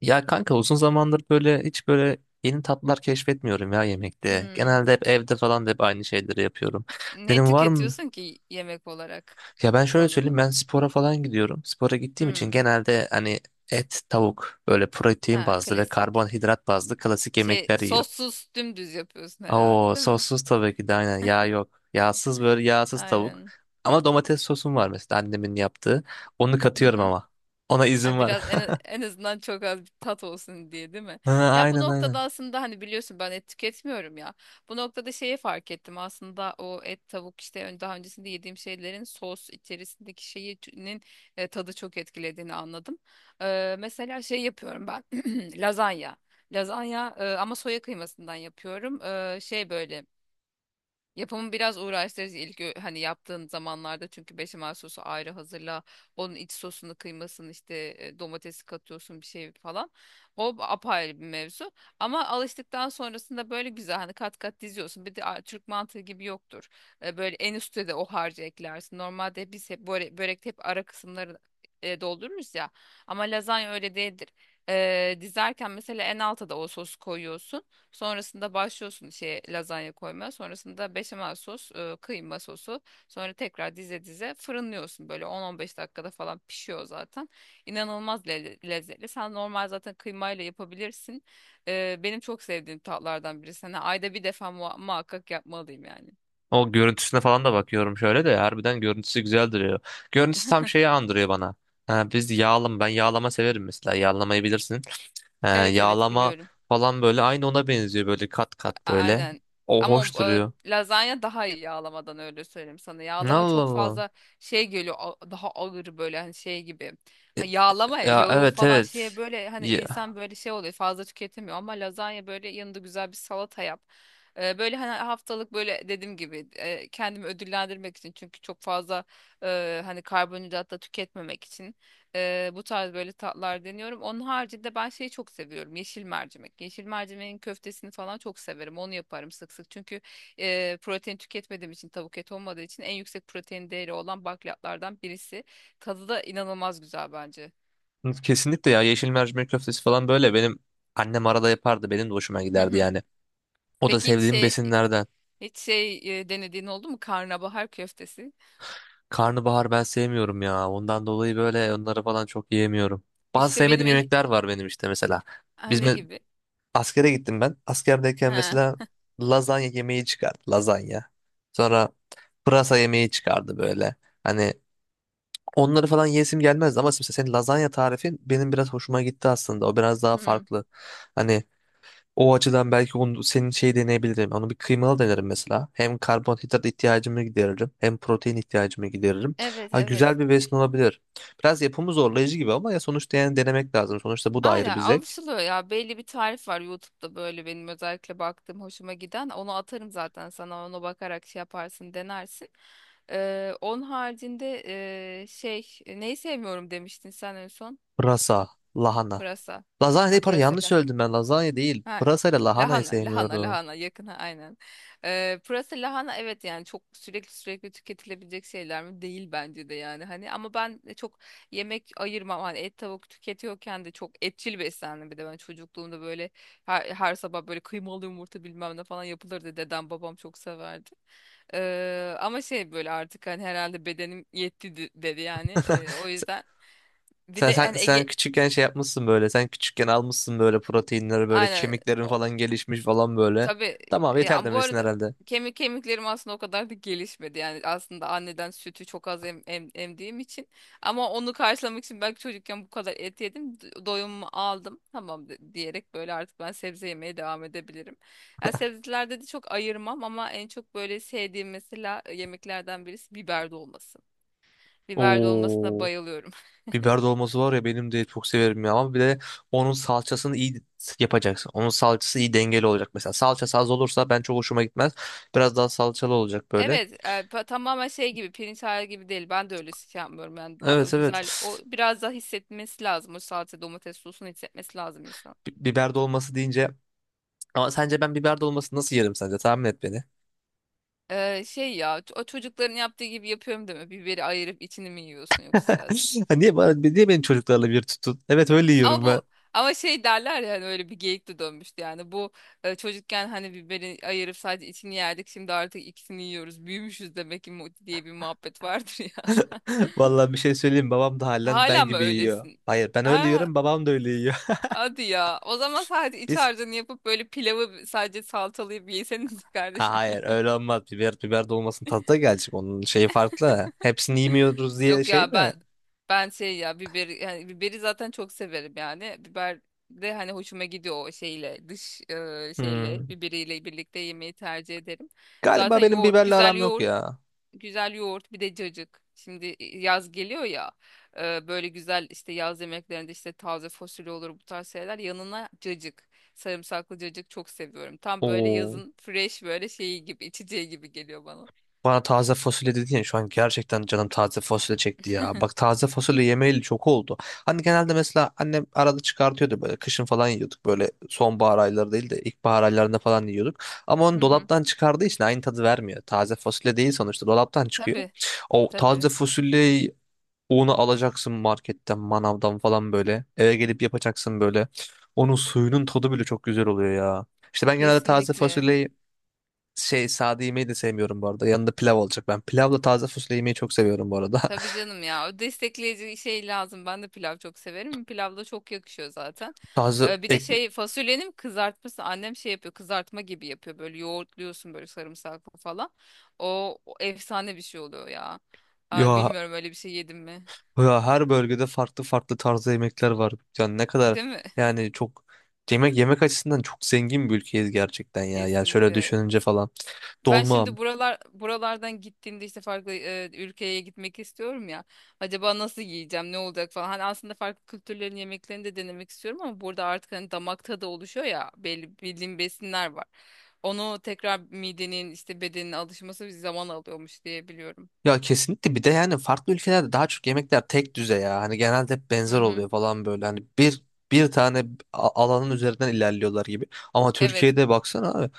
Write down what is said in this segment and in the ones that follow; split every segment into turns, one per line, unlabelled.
Ya kanka uzun zamandır böyle hiç böyle yeni tatlar keşfetmiyorum ya yemekte.
Hmm.
Genelde hep evde falan da hep aynı şeyleri yapıyorum.
Ne
Dedim var mı?
tüketiyorsun ki yemek olarak
Ya ben şöyle
son
söyleyeyim,
zaman?
ben spora falan gidiyorum. Spora gittiğim için
Hmm.
genelde hani et, tavuk böyle protein
Ha,
bazlı ve
klasik.
karbonhidrat bazlı klasik
Şey
yemekler yiyorum.
sossuz dümdüz yapıyorsun
Oo
herhalde değil mi?
sossuz tabii ki de, aynen, yağ yok. Yağsız, böyle yağsız tavuk.
Aynen.
Ama domates sosum var mesela, annemin yaptığı. Onu katıyorum ama. Ona izin
Ha,
var.
biraz en azından çok az bir tat olsun diye değil mi?
Ha,
Ya, bu
aynen
noktada
aynen.
aslında hani biliyorsun ben et tüketmiyorum ya. Bu noktada şeyi fark ettim aslında o et tavuk işte daha öncesinde yediğim şeylerin sos içerisindeki şeyinin tadı çok etkilediğini anladım. Mesela şey yapıyorum ben lazanya. Lazanya ama soya kıymasından yapıyorum. Şey böyle. Yapımı biraz uğraştırıcı ilk hani yaptığın zamanlarda, çünkü beşamel sosu ayrı hazırla. Onun iç sosunu, kıymasını, işte domatesi katıyorsun bir şey falan. O apayrı bir mevzu. Ama alıştıktan sonrasında böyle güzel hani kat kat diziyorsun. Bir de Türk mantığı gibi yoktur. Böyle en üstte de o harcı eklersin. Normalde biz hep böyle börekte hep ara kısımları doldururuz ya. Ama lazanya öyle değildir. Dizerken mesela en alta da o sosu koyuyorsun. Sonrasında başlıyorsun şey lazanya koymaya. Sonrasında beşamel sos, kıyma sosu. Sonra tekrar dize dize fırınlıyorsun. Böyle 10-15 dakikada falan pişiyor zaten. İnanılmaz lezzetli. Sen normal zaten kıymayla yapabilirsin. Benim çok sevdiğim tatlardan birisi. Hani ayda bir defa muhakkak yapmalıyım yani.
O görüntüsüne falan da bakıyorum, şöyle de harbiden görüntüsü güzel duruyor. Görüntüsü tam şeyi andırıyor bana. Ha, biz yağlama, ben yağlama severim mesela, yağlamayı bilirsin.
Evet, evet,
Yağlama
biliyorum.
falan böyle aynı ona benziyor, böyle kat kat
A-
böyle.
Aynen.
O
Ama
hoş
o,
duruyor.
lazanya daha iyi yağlamadan, öyle söyleyeyim sana. Yağlama
Allah
çok
Allah.
fazla şey geliyor, daha ağır böyle, hani şey gibi. Yağlama ya,
Ya
yağı
evet
falan şeye
evet.
böyle, hani
Ya,
insan böyle şey oluyor, fazla tüketemiyor, ama lazanya böyle yanında güzel bir salata yap. Böyle hani haftalık, böyle dediğim gibi kendimi ödüllendirmek için, çünkü çok fazla hani karbonhidrat da tüketmemek için. Bu tarz böyle tatlar deniyorum. Onun haricinde ben şeyi çok seviyorum. Yeşil mercimek. Yeşil mercimeğin köftesini falan çok severim. Onu yaparım sık sık. Çünkü protein tüketmediğim için, tavuk eti olmadığı için, en yüksek protein değeri olan bakliyatlardan birisi. Tadı da inanılmaz güzel bence.
kesinlikle ya, yeşil mercimek köftesi falan böyle benim annem, arada yapardı, benim de hoşuma
Hı
giderdi
hı.
yani. O da
Peki, hiç
sevdiğim
şey,
besinlerden.
denediğin oldu mu? Karnabahar köftesi.
Karnabahar ben sevmiyorum ya. Ondan dolayı böyle onları falan çok yiyemiyorum. Bazı
İşte
sevmediğim
benim
yemekler var benim, işte mesela.
ha, ne
Bizim
gibi?
askere gittim ben. Askerdeyken
Ha.
mesela lazanya yemeği çıkardı. Lazanya. Sonra pırasa yemeği çıkardı böyle. Hani onları falan yesim gelmezdi, ama mesela senin lazanya tarifin benim biraz hoşuma gitti aslında. O biraz daha
Hı.
farklı. Hani o açıdan belki onu, senin şeyi deneyebilirim. Onu bir kıymalı denerim mesela. Hem karbonhidrat ihtiyacımı gideririm, hem protein ihtiyacımı gideririm.
Evet,
Ha, güzel
evet.
bir besin olabilir. Biraz yapımı zorlayıcı gibi ama ya sonuçta yani denemek lazım. Sonuçta bu da ayrı
Aynen,
bir zevk.
alışılıyor ya. Belli bir tarif var YouTube'da, böyle benim özellikle baktığım, hoşuma giden. Onu atarım zaten sana, ona bakarak şey yaparsın, denersin. Onun haricinde şey, neyi sevmiyorum demiştin sen en son?
Pırasa, lahana.
Pırasa.
Lazanya
Ha,
değil, pardon, yanlış
pırasalı.
söyledim ben. Lazanya değil.
Ha,
Pırasa ile lahanayı
lahana, lahana,
sevmiyorum.
lahana yakın, aynen. Pırasa lahana, evet, yani çok sürekli sürekli tüketilebilecek şeyler mi? Değil, bence de. Yani hani, ama ben de çok yemek ayırmam hani, et tavuk tüketiyorken de çok etçil beslendim. Bir de ben çocukluğumda böyle her sabah böyle kıymalı yumurta bilmem ne falan yapılırdı, dedem babam çok severdi. Ama şey, böyle artık hani herhalde bedenim yetti dedi yani. O yüzden bir
Sen,
de
sen, sen,
hani
sen
Ege,
küçükken şey yapmışsın böyle. Sen küçükken almışsın böyle proteinleri, böyle
aynen.
kemiklerin falan gelişmiş falan böyle.
Tabii.
Tamam
e,
yeter
ya bu
demesin
arada,
herhalde.
kemiklerim aslında o kadar da gelişmedi. Yani aslında anneden sütü çok az emdiğim için, ama onu karşılamak için belki çocukken bu kadar et yedim. Doyumumu aldım. Tamam diyerek böyle artık ben sebze yemeye devam edebilirim. Yani sebzelerde de çok ayırmam, ama en çok böyle sevdiğim mesela yemeklerden birisi biber dolması. Biber dolmasına
Oo.
bayılıyorum.
Biber dolması var ya, benim de çok severim ya, ama bir de onun salçasını iyi yapacaksın. Onun salçası iyi dengeli olacak mesela. Salçası az olursa ben çok hoşuma gitmez. Biraz daha salçalı olacak böyle.
Evet, tamamen şey gibi, pirinç hali gibi değil. Ben de öyle şey yapmıyorum yani da,
Evet evet.
güzel. O biraz daha hissetmesi lazım. O salça, domates sosunu hissetmesi lazım insan.
Biber dolması deyince, ama sence ben biber dolması nasıl yerim sence? Tahmin et beni.
Şey ya, o çocukların yaptığı gibi yapıyorum deme. Biberi ayırıp içini mi yiyorsun yoksa sadece?
Ha, niye, niye benim çocuklarla bir tutun? Evet öyle
Ama
yiyorum ben.
bu, şey derler ya hani, öyle bir geyik de dönmüştü yani. Bu çocukken hani biberi ayırıp sadece içini yerdik. Şimdi artık ikisini yiyoruz. Büyümüşüz demek ki diye bir muhabbet vardır ya.
Vallahi bir şey söyleyeyim, babam da halen
Hala
ben
mı
gibi yiyor.
öylesin?
Hayır, ben öyle
Ha,
yiyorum, babam da öyle yiyor.
hadi ya. O zaman sadece iç
Biz
harcını yapıp, böyle pilavı sadece salatalayıp yeseniz
Ha,
kardeşim.
hayır, öyle olmaz. Biber dolmasının tadı da gelecek. Onun şeyi farklı. Hepsini yemiyoruz diye
Yok
şey
ya,
mi?
ben şey ya, biberi, yani biberi zaten çok severim yani. Biber de hani hoşuma gidiyor o şeyle, dış şeyle,
Hmm.
biberiyle birlikte yemeyi tercih ederim. Zaten
Galiba benim
yoğurt
biberle
güzel,
aram yok
yoğurt
ya.
güzel yoğurt, bir de cacık. Şimdi yaz geliyor ya, böyle güzel işte yaz yemeklerinde, işte taze fasulye olur, bu tarz şeyler, yanına cacık. Sarımsaklı cacık çok seviyorum. Tam böyle
Oo.
yazın fresh böyle şeyi gibi, içeceği gibi geliyor bana.
Bana taze fasulye dedin ya, şu an gerçekten canım taze fasulye çekti ya. Bak, taze fasulye yemeyeli çok oldu. Hani genelde mesela annem arada çıkartıyordu, böyle kışın falan yiyorduk. Böyle sonbahar ayları değil de ilkbahar aylarında falan yiyorduk. Ama
Hı
onu
hı.
dolaptan çıkardığı için aynı tadı vermiyor. Taze fasulye değil sonuçta, dolaptan çıkıyor.
Tabii,
O taze
tabii,
fasulyeyi, unu alacaksın marketten, manavdan falan böyle. Eve gelip yapacaksın böyle. Onun suyunun tadı bile çok güzel oluyor ya. İşte ben genelde taze
kesinlikle.
fasulyeyi şey, sade yemeyi de sevmiyorum bu arada. Yanında pilav olacak. Ben pilavla taze fasulye yemeyi çok seviyorum bu arada.
Tabii canım ya. O destekleyici şey lazım. Ben de pilav çok severim. Pilav da çok yakışıyor zaten.
Taze
Bir de
ekmek.
şey, fasulyenin kızartması. Annem şey yapıyor, kızartma gibi yapıyor. Böyle yoğurtluyorsun, böyle sarımsaklı falan. O efsane bir şey oluyor ya. Ay,
Ya,
bilmiyorum, öyle bir şey yedim mi?
ya her bölgede farklı farklı tarzda yemekler var. Yani ne kadar
Değil mi?
yani çok, yemek yemek açısından çok zengin bir ülkeyiz gerçekten ya. Yani şöyle
Kesinlikle.
düşününce falan.
Ben
Dolma.
şimdi buralardan gittiğimde, işte farklı ülkeye gitmek istiyorum ya. Acaba nasıl yiyeceğim, ne olacak falan. Hani aslında farklı kültürlerin yemeklerini de denemek istiyorum, ama burada artık hani damak tadı oluşuyor ya, belli bildiğim besinler var. Onu tekrar midenin, işte bedenin alışması bir zaman alıyormuş diye biliyorum.
Ya kesinlikle, bir de yani farklı ülkelerde daha çok yemekler tek düze ya. Hani genelde hep
Hı
benzer
hı.
oluyor falan böyle. Hani bir bir tane alanın üzerinden ilerliyorlar gibi. Ama
Evet.
Türkiye'de baksana abi.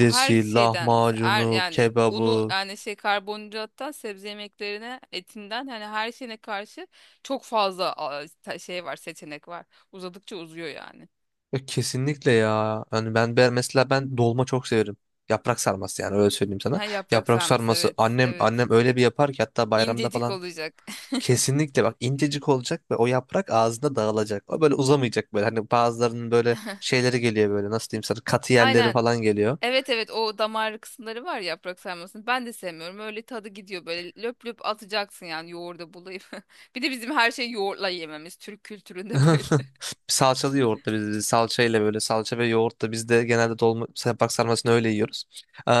Her şeyden işte, her,
lahmacunu,
yani unu,
kebabı.
yani şey karbonhidrattan sebze yemeklerine, etinden, hani her şeyine karşı çok fazla şey var, seçenek var. Uzadıkça uzuyor yani.
Ya kesinlikle ya. Hani ben, mesela ben dolma çok severim. Yaprak sarması, yani öyle söyleyeyim sana.
Ha, yaprak
Yaprak
sarması,
sarması,
evet,
annem
evet.
annem öyle bir yapar ki, hatta bayramda
İncecik
falan.
olacak.
Kesinlikle bak, incecik olacak ve o yaprak ağzında dağılacak. O böyle uzamayacak böyle. Hani bazılarının böyle şeyleri geliyor, böyle nasıl diyeyim sana, katı yerleri
Aynen.
falan geliyor.
Evet, evet, o damar kısımları var ya yaprak sarmasının. Ben de sevmiyorum. Öyle tadı gidiyor, böyle löp löp atacaksın yani, yoğurda bulayım. Bir de bizim her şeyi yoğurtla yememiz, Türk kültüründe böyle.
Salçalı yoğurtla biz, salçayla, böyle salça ve yoğurtla biz de genelde dolma yaprak sarmasını öyle yiyoruz.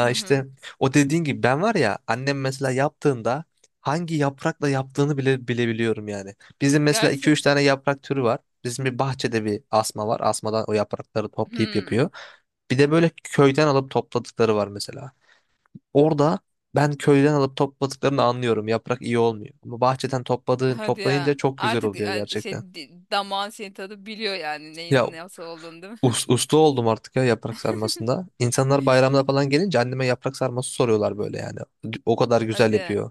Hı hı.
işte o dediğin gibi, ben var ya, annem mesela yaptığında hangi yaprakla yaptığını bile bilebiliyorum yani. Bizim mesela iki
Gerçek.
üç tane yaprak türü var. Bizim bir bahçede bir asma var. Asmadan o yaprakları toplayıp
Hmm.
yapıyor. Bir de böyle köyden alıp topladıkları var mesela. Orada ben köyden alıp topladıklarını anlıyorum. Yaprak iyi olmuyor. Ama bahçeden topladığın,
Hadi ya.
toplayınca çok güzel
Artık
oluyor gerçekten.
şey, damağın seni, tadı biliyor yani,
Ya
neyin nasıl olduğunu, değil mi?
usta oldum artık ya yaprak sarmasında. İnsanlar bayramda falan gelince anneme yaprak sarması soruyorlar böyle yani. O kadar güzel
Hadi ya.
yapıyor.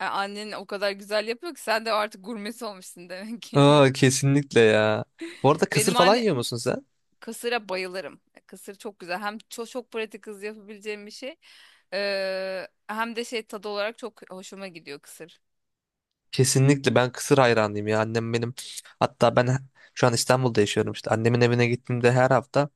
Annen o kadar güzel yapıyor ki sen de artık gurmesi olmuşsun demek ki.
Aa kesinlikle ya. Bu arada kısır
Benim
falan
anne,
yiyor musun sen?
kısıra bayılırım. Kısır çok güzel. Hem çok çok pratik, hızlı yapabileceğim bir şey. Hem de şey, tadı olarak çok hoşuma gidiyor kısır.
Kesinlikle ben kısır hayranıyım ya. Annem benim, hatta ben şu an İstanbul'da yaşıyorum işte. Annemin evine gittiğimde her hafta,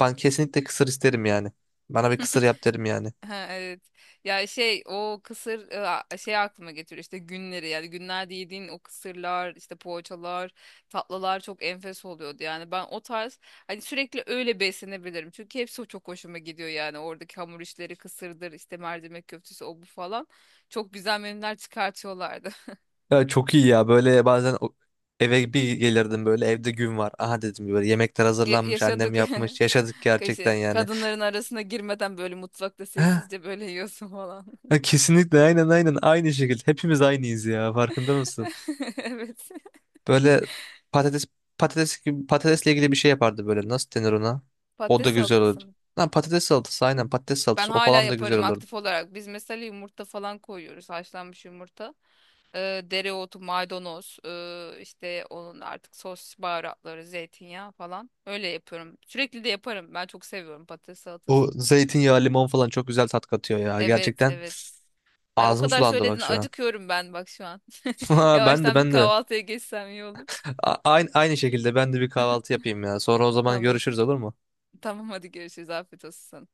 ben kesinlikle kısır isterim yani. Bana bir kısır yap derim yani.
Ha, evet. Ya, şey o kısır şey aklıma getiriyor işte günleri, yani günlerde yediğin o kısırlar, işte poğaçalar, tatlılar çok enfes oluyordu yani. Ben o tarz, hani sürekli öyle beslenebilirim çünkü hepsi çok hoşuma gidiyor yani. Oradaki hamur işleri, kısırdır, işte mercimek köftesi, o bu falan, çok güzel menüler çıkartıyorlardı.
Ya çok iyi ya, böyle bazen eve bir gelirdim, böyle evde gün var. Aha dedim, böyle yemekler hazırlanmış, annem
Yaşadık.
yapmış, yaşadık gerçekten
Kaşı,
yani.
kadınların arasına girmeden böyle mutfakta
Ha,
sessizce böyle yiyorsun falan.
ha, kesinlikle, aynen aynen, aynı şekilde hepimiz aynıyız ya, farkında mısın?
Evet.
Böyle patates patates gibi, patatesle ilgili bir şey yapardı böyle. Nasıl denir ona? O da
Patates
güzel
salatası
olurdu.
mı?
Lan, patates salatası, aynen patates
Ben
salatası. O
hala
falan da güzel
yaparım
olurdu.
aktif olarak. Biz mesela yumurta falan koyuyoruz. Haşlanmış yumurta. Dereotu, maydanoz, işte onun artık sos baharatları, zeytinyağı falan. Öyle yapıyorum. Sürekli de yaparım. Ben çok seviyorum patates
O
salatasını.
zeytinyağı, limon falan çok güzel tat katıyor ya.
Evet,
Gerçekten
evet. Ay, o
ağzım
kadar
sulandı
söyledin
bak şu an.
acıkıyorum ben bak şu an.
Ben de,
Yavaştan bir
ben de.
kahvaltıya geçsem iyi olur.
Aynı şekilde ben de bir kahvaltı yapayım ya. Sonra o zaman
Tamam.
görüşürüz olur mu?
Tamam, hadi görüşürüz. Afiyet olsun sana.